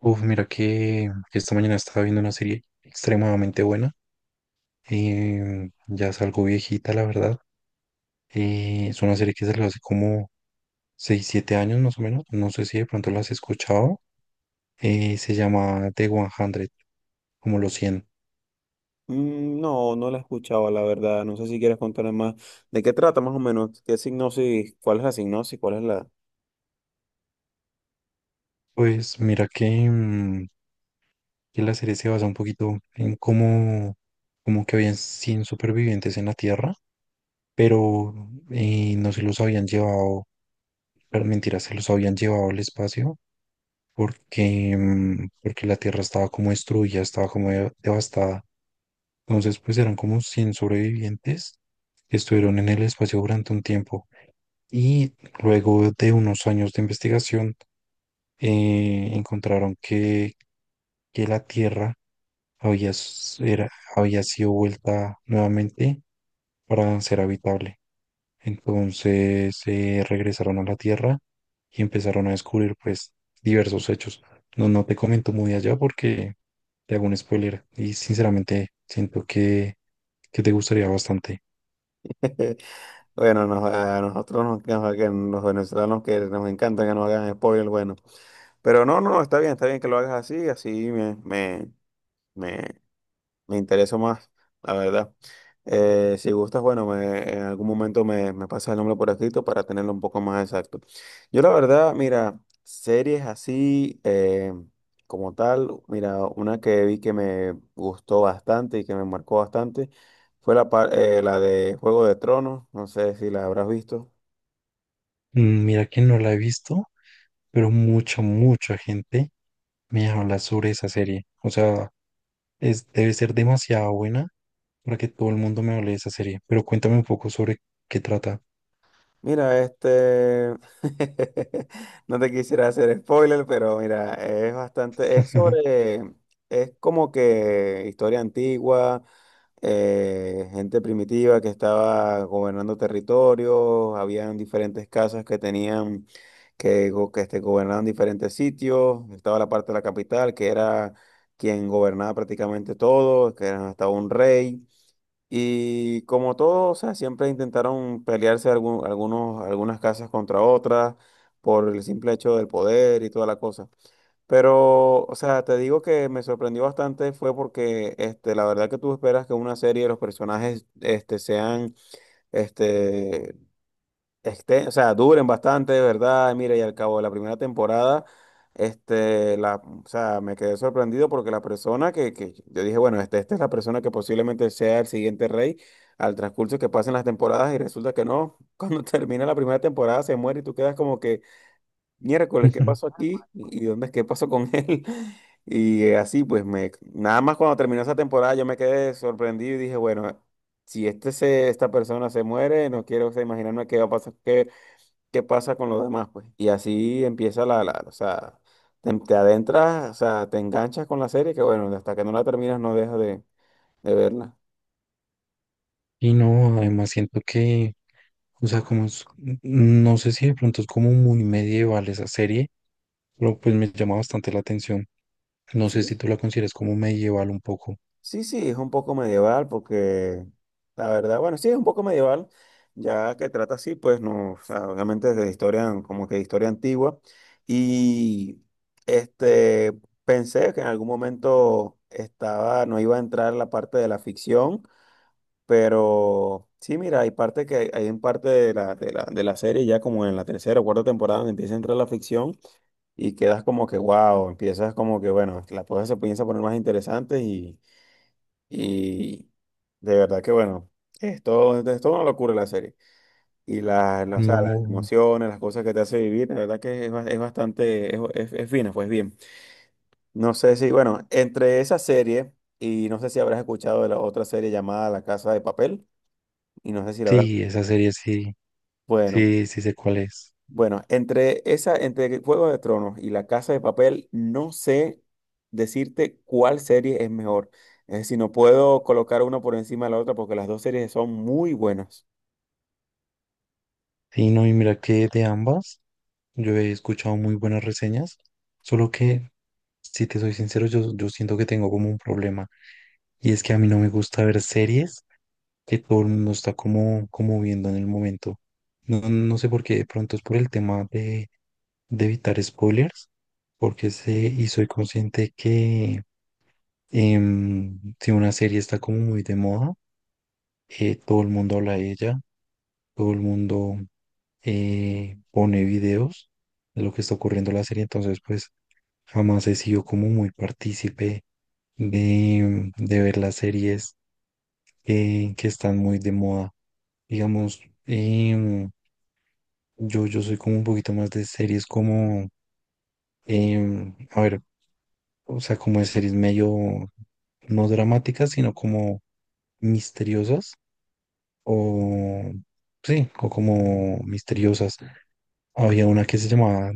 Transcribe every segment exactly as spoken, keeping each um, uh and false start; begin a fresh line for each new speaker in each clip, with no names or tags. Uf, mira que que esta mañana estaba viendo una serie extremadamente buena. Em, ya es algo viejita, la verdad. Eh, es una serie que salió hace como seis, siete años más o menos. No sé si de pronto la has escuchado. Eh, se llama The cien, como los cien.
Mm, no, no la escuchaba, la verdad. No sé si quieres contarme más. ¿De qué trata más o menos? ¿Qué signosis? ¿Cuál es la signosis? ¿Cuál es la?
Pues mira que, mm, que la serie se basa un poquito en cómo, como que habían cien supervivientes en la Tierra, pero eh, no se los habían llevado, pero mentira, se los habían llevado al espacio porque, mm, porque la tierra estaba como destruida, estaba como de- devastada. Entonces, pues eran como cien sobrevivientes que estuvieron en el espacio durante un tiempo. Y luego de unos años de investigación, eh, encontraron que, que la tierra había, s- era- había sido vuelta nuevamente para ser habitable. Entonces, eh, regresaron a la tierra y empezaron a descubrir, pues, diversos hechos. No, no te comento muy allá porque te hago un spoiler y sinceramente siento que, que te gustaría bastante.
Bueno, nos- a nosotros nos, nos- que los venezolanos que nos encantan que nos hagan spoiler, bueno. Pero no, no, está bien, está bien que lo hagas así, así me, me, me, me interesa más, la verdad. Eh, si gustas, bueno, me- en algún momento me, me pasa el nombre por escrito para tenerlo un poco más exacto. Yo la verdad, mira, series así eh, como tal, mira, una que vi que me gustó bastante y que me marcó bastante fue la, par- eh, la de Juego de Tronos, no sé si la habrás visto.
Mm, mira que no la he visto, pero mucha, mucha gente me habla sobre esa serie. O sea, es, debe ser demasiado buena para que todo el mundo me hable de esa serie. Pero cuéntame un poco sobre qué trata.
Mira, este, no te quisiera hacer spoiler, pero mira, es bastante, es sobre, es como que historia antigua, eh, gente primitiva que estaba gobernando territorios. Habían diferentes casas que tenían, que, go- que este, gobernaban diferentes sitios. Estaba la parte de la capital, que era quien gobernaba prácticamente todo, que era hasta un rey. Y como todo, o sea, siempre intentaron pelearse algún- algunos, algunas casas contra otras por el simple hecho del poder y toda la cosa. Pero, o sea, te digo que me sorprendió bastante fue porque, este, la verdad que tú esperas que una serie de los personajes, este, sean, este, este, o sea, duren bastante, de verdad. Mira, y al cabo de la primera temporada, este, la, o sea, me quedé sorprendido porque la persona que, que yo dije, bueno, este, esta es la persona que posiblemente sea el siguiente rey al transcurso que pasen las temporadas y resulta que no, cuando termina la primera temporada se muere y tú quedas como que, miércoles, ¿qué pasó aquí? ¿Y dónde, qué pasó con él? Y eh, así, pues, me, nada más cuando terminó esa temporada yo me quedé sorprendido y dije, bueno, si este se, esta persona se muere, no quiero, o sea, imaginarme qué va a pasar, qué qué pasa con los demás, pues. Y así empieza la, la, o sea, te, te adentras, o sea, te enganchas con la serie, que bueno, hasta que no la terminas no dejas de, de verla.
Y no, además siento que, o sea, como es- mm, no sé si de pronto es como muy medieval esa serie, pero pues me llama bastante la atención. No sé
Sí,
si tú la consideras como medieval un poco.
sí, sí, es un poco medieval, porque la verdad, bueno, sí, es un poco medieval, ya que trata así, pues no, o sea, obviamente de historia, como que de historia antigua. Y este, pensé que en algún momento estaba, no iba a entrar la parte de la ficción. Pero sí, mira, hay parte que hay en parte de la, de la, de la serie, ya como en la tercera o cuarta temporada, donde empieza a entrar la ficción y quedas como que, wow, empiezas como que, bueno, las cosas se comienzan a poner más interesantes y, y de verdad que, bueno, es todo, es toda una locura la serie. Y las, las- o sea, las
No,
emociones, las cosas que te hace vivir, la verdad que es, ba- es bastante, es, es, es fina, pues bien. No sé si, bueno, entre esa serie y no sé si habrás escuchado de la otra serie llamada La Casa de Papel. Y no sé si la habrás.
sí, esa serie sí,
Bueno,
sí, sí sé cuál es.
bueno, entre esa, entre Juego de Tronos y La Casa de Papel, no sé decirte cuál serie es mejor. Es decir, no puedo colocar una por encima de la otra porque las dos series son muy buenas.
Sí, no, y mira que de ambas yo he escuchado muy buenas reseñas, solo que, si te soy sincero, yo, yo siento que tengo como un problema, y es que a mí no me gusta ver series que todo el mundo está como, como viendo en el momento. No, no sé por qué, de pronto es por el tema de de evitar spoilers, porque sé y soy consciente que, em, si una serie está como muy de moda, eh, todo el mundo habla de ella, todo el mundo eh, pone videos de lo que está ocurriendo en la serie, entonces pues jamás he sido como muy partícipe de, de ver las series que, que están muy de moda. Digamos, em, yo, yo soy como un poquito más de series como, em, a ver, o sea, como de series medio no dramáticas, sino como misteriosas o sí, o como misteriosas. Había una que se llamaba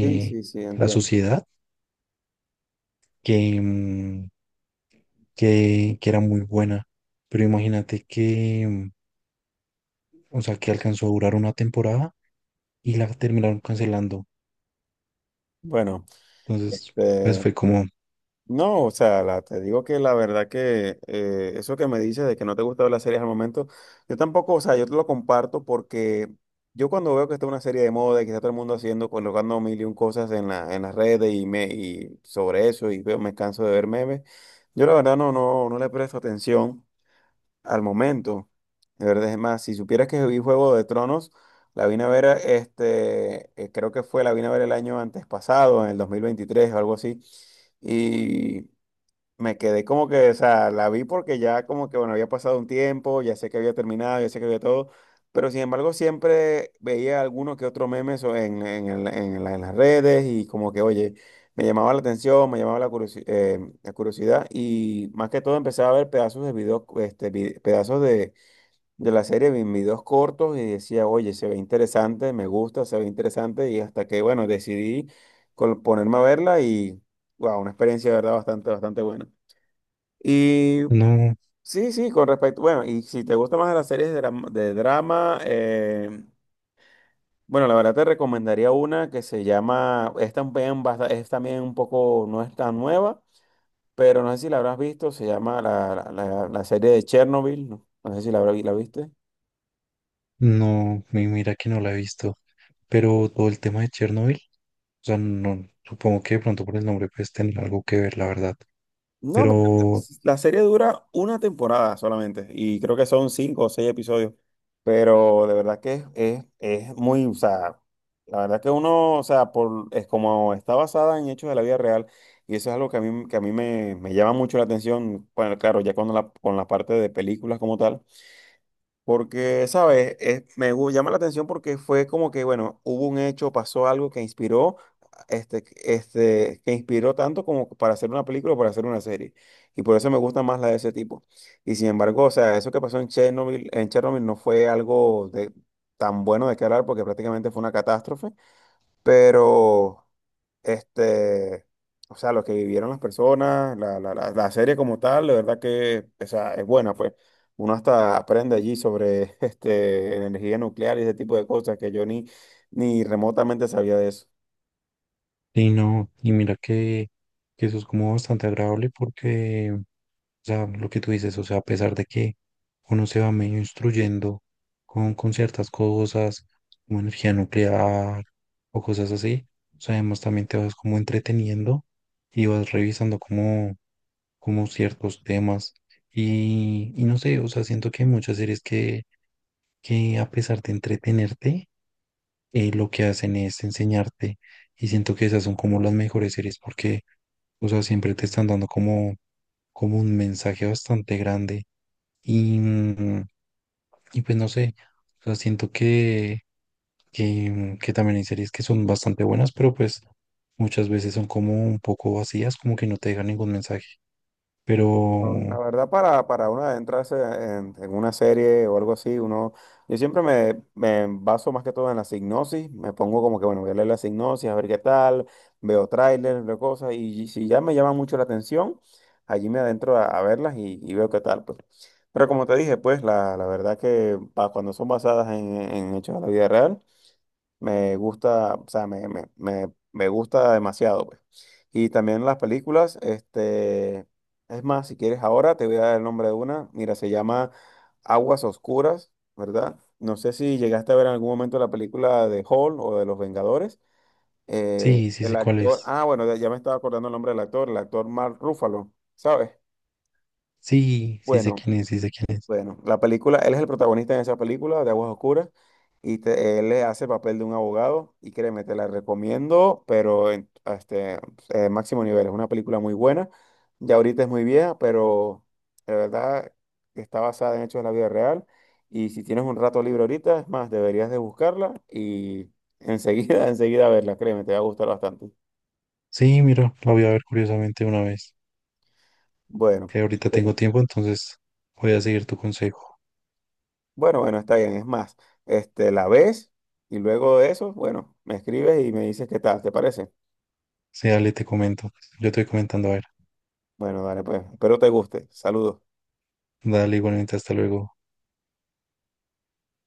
Sí, sí, sí,
La
entiendo.
Sociedad, que, mm, que, que era muy buena, pero imagínate que, mm, o sea, que alcanzó a durar una temporada y la terminaron cancelando.
Bueno,
Entonces, pues
este.
fue como,
No, o sea, la- te digo que la verdad que eh, eso que me dices de que no te gusta ver las series al momento, yo tampoco, o sea, yo te lo comparto porque yo cuando veo que está una serie de moda y que está todo el mundo haciendo, colocando mil y un cosas en la, en las redes y, me, y sobre eso y veo, me canso de ver memes. Yo la verdad no, no, no le presto atención al momento. De verdad, es más, si supieras que vi Juego de Tronos, la vine a ver, este, eh, creo que fue, la vine a ver el año antes pasado, en el dos mil veintitrés o algo así. Me quedé como que, o sea, la vi porque ya como que, bueno, había pasado un tiempo, ya sé que había terminado, ya sé que había todo, pero sin embargo siempre veía alguno que otro meme so- en, en, el- en la- en las redes y como que, oye, me llamaba la atención, me llamaba la, curiosi- eh, la curiosidad, y más que todo empecé a ver pedazos de videos, este, vi- pedazos de, de la serie en videos cortos y decía, oye, se ve interesante, me gusta, se ve interesante, y hasta que, bueno, decidí col- ponerme a verla y, wow, una experiencia de verdad bastante, bastante buena. Y
no.
sí, sí, con respecto, bueno, y si te gustan más las series de, dram- de drama, eh, bueno, la verdad te recomendaría una que se llama, es también, basta- es también un poco, no es tan nueva, pero no sé si la habrás visto, se llama la, la- la- la serie de Chernobyl, no, no sé si la, habrá- la viste.
No, mi- mira que no la he visto, pero todo el tema de Chernobyl, o sea, no, supongo que de pronto por el nombre pues tener algo que ver, la verdad,
No, me
pero
la serie dura una temporada solamente y creo que son cinco o seis episodios, pero de verdad que es, es, es muy, o sea, la verdad que uno, o sea, por, es como está basada en hechos de la vida real y eso es algo que a mí, que a mí, me, me llama mucho la atención, bueno, claro, ya cuando la, con la parte de películas como tal. Porque, ¿sabes? Es- me gu- llama la atención porque fue como que, bueno, hubo un hecho, pasó algo que inspiró, este, este, que inspiró tanto como para hacer una película o para hacer una serie. Y por eso me gusta más la de ese tipo. Y sin embargo, o sea, eso que pasó en Chernobyl, en Chernobyl no fue algo de, tan bueno de qué hablar porque prácticamente fue una catástrofe. Pero, este, o sea, lo que vivieron las personas, la, la, la, la serie como tal, la verdad que, o sea, es buena, pues. Uno hasta aprende allí sobre, este, energía nuclear y ese tipo de cosas que yo ni, ni remotamente sabía de eso.
y no, y mira que, que eso es como bastante agradable porque, o sea, lo que tú dices, o sea, a pesar de que uno se va medio instruyendo con, con ciertas cosas, como energía nuclear o cosas así, o sea, además también te vas como entreteniendo y vas revisando como, como ciertos temas y, y no sé, o sea, siento que hay muchas series que, que a pesar de entretenerte, eh, lo que hacen es enseñarte, y siento que esas son como las mejores series porque, o sea, siempre te están dando como, como un mensaje bastante grande y, mm, y pues no sé, o sea, siento que, que, mm, que también hay series que son bastante buenas, pero pues muchas veces son como un poco vacías, como que no te dejan ningún mensaje,
No, la
pero
verdad, para, para uno adentrarse en, en una serie o algo así, uno, yo siempre me, me baso más que todo en la sinopsis, me pongo como que, bueno, voy a leer la sinopsis, a ver qué tal, veo trailers, veo cosas, y si ya me llama mucho la atención, allí me adentro a, a verlas y, y veo qué tal, pues. Pero como te dije, pues, la, la verdad que pa- cuando son basadas en, en hechos de la vida real, me gusta, o sea, me, me, me, me gusta demasiado, pues. Y también las películas, este, es más, si quieres ahora te voy a dar el nombre de una. Mira, se llama Aguas Oscuras, ¿verdad? No sé si llegaste a ver en algún momento la película de Hall o de Los Vengadores. Eh,
sí, sí
el
sé cuál
actor,
es.
ah, bueno, ya ya me estaba acordando el nombre del actor, el actor Mark Ruffalo, ¿sabes?
Sí, sí sé
Bueno.
quién es, sí sé quién es.
Bueno, la película, él es el protagonista en esa película de Aguas Oscuras y te- él le hace el papel de un abogado y créeme, te la recomiendo, pero en, este, eh, máximo nivel. Es una película muy buena, ya ahorita es muy vieja, pero de verdad está basada en hechos de la vida real, y si tienes un rato libre ahorita, es más, deberías de buscarla y enseguida, enseguida verla, créeme, te va a gustar bastante.
Sí, mira, la voy a ver curiosamente una vez,
Bueno.
que ahorita tengo
eh,
tiempo, entonces voy a seguir tu consejo.
Bueno, bueno, está bien. Es más, este, la ves y luego de eso, bueno, me escribes y me dices qué tal, ¿te parece?
Sí, dale, te comento. Yo te voy comentando, a ver.
Bueno, dale, pues. Espero te guste. Saludos.
Dale, igualmente, hasta luego.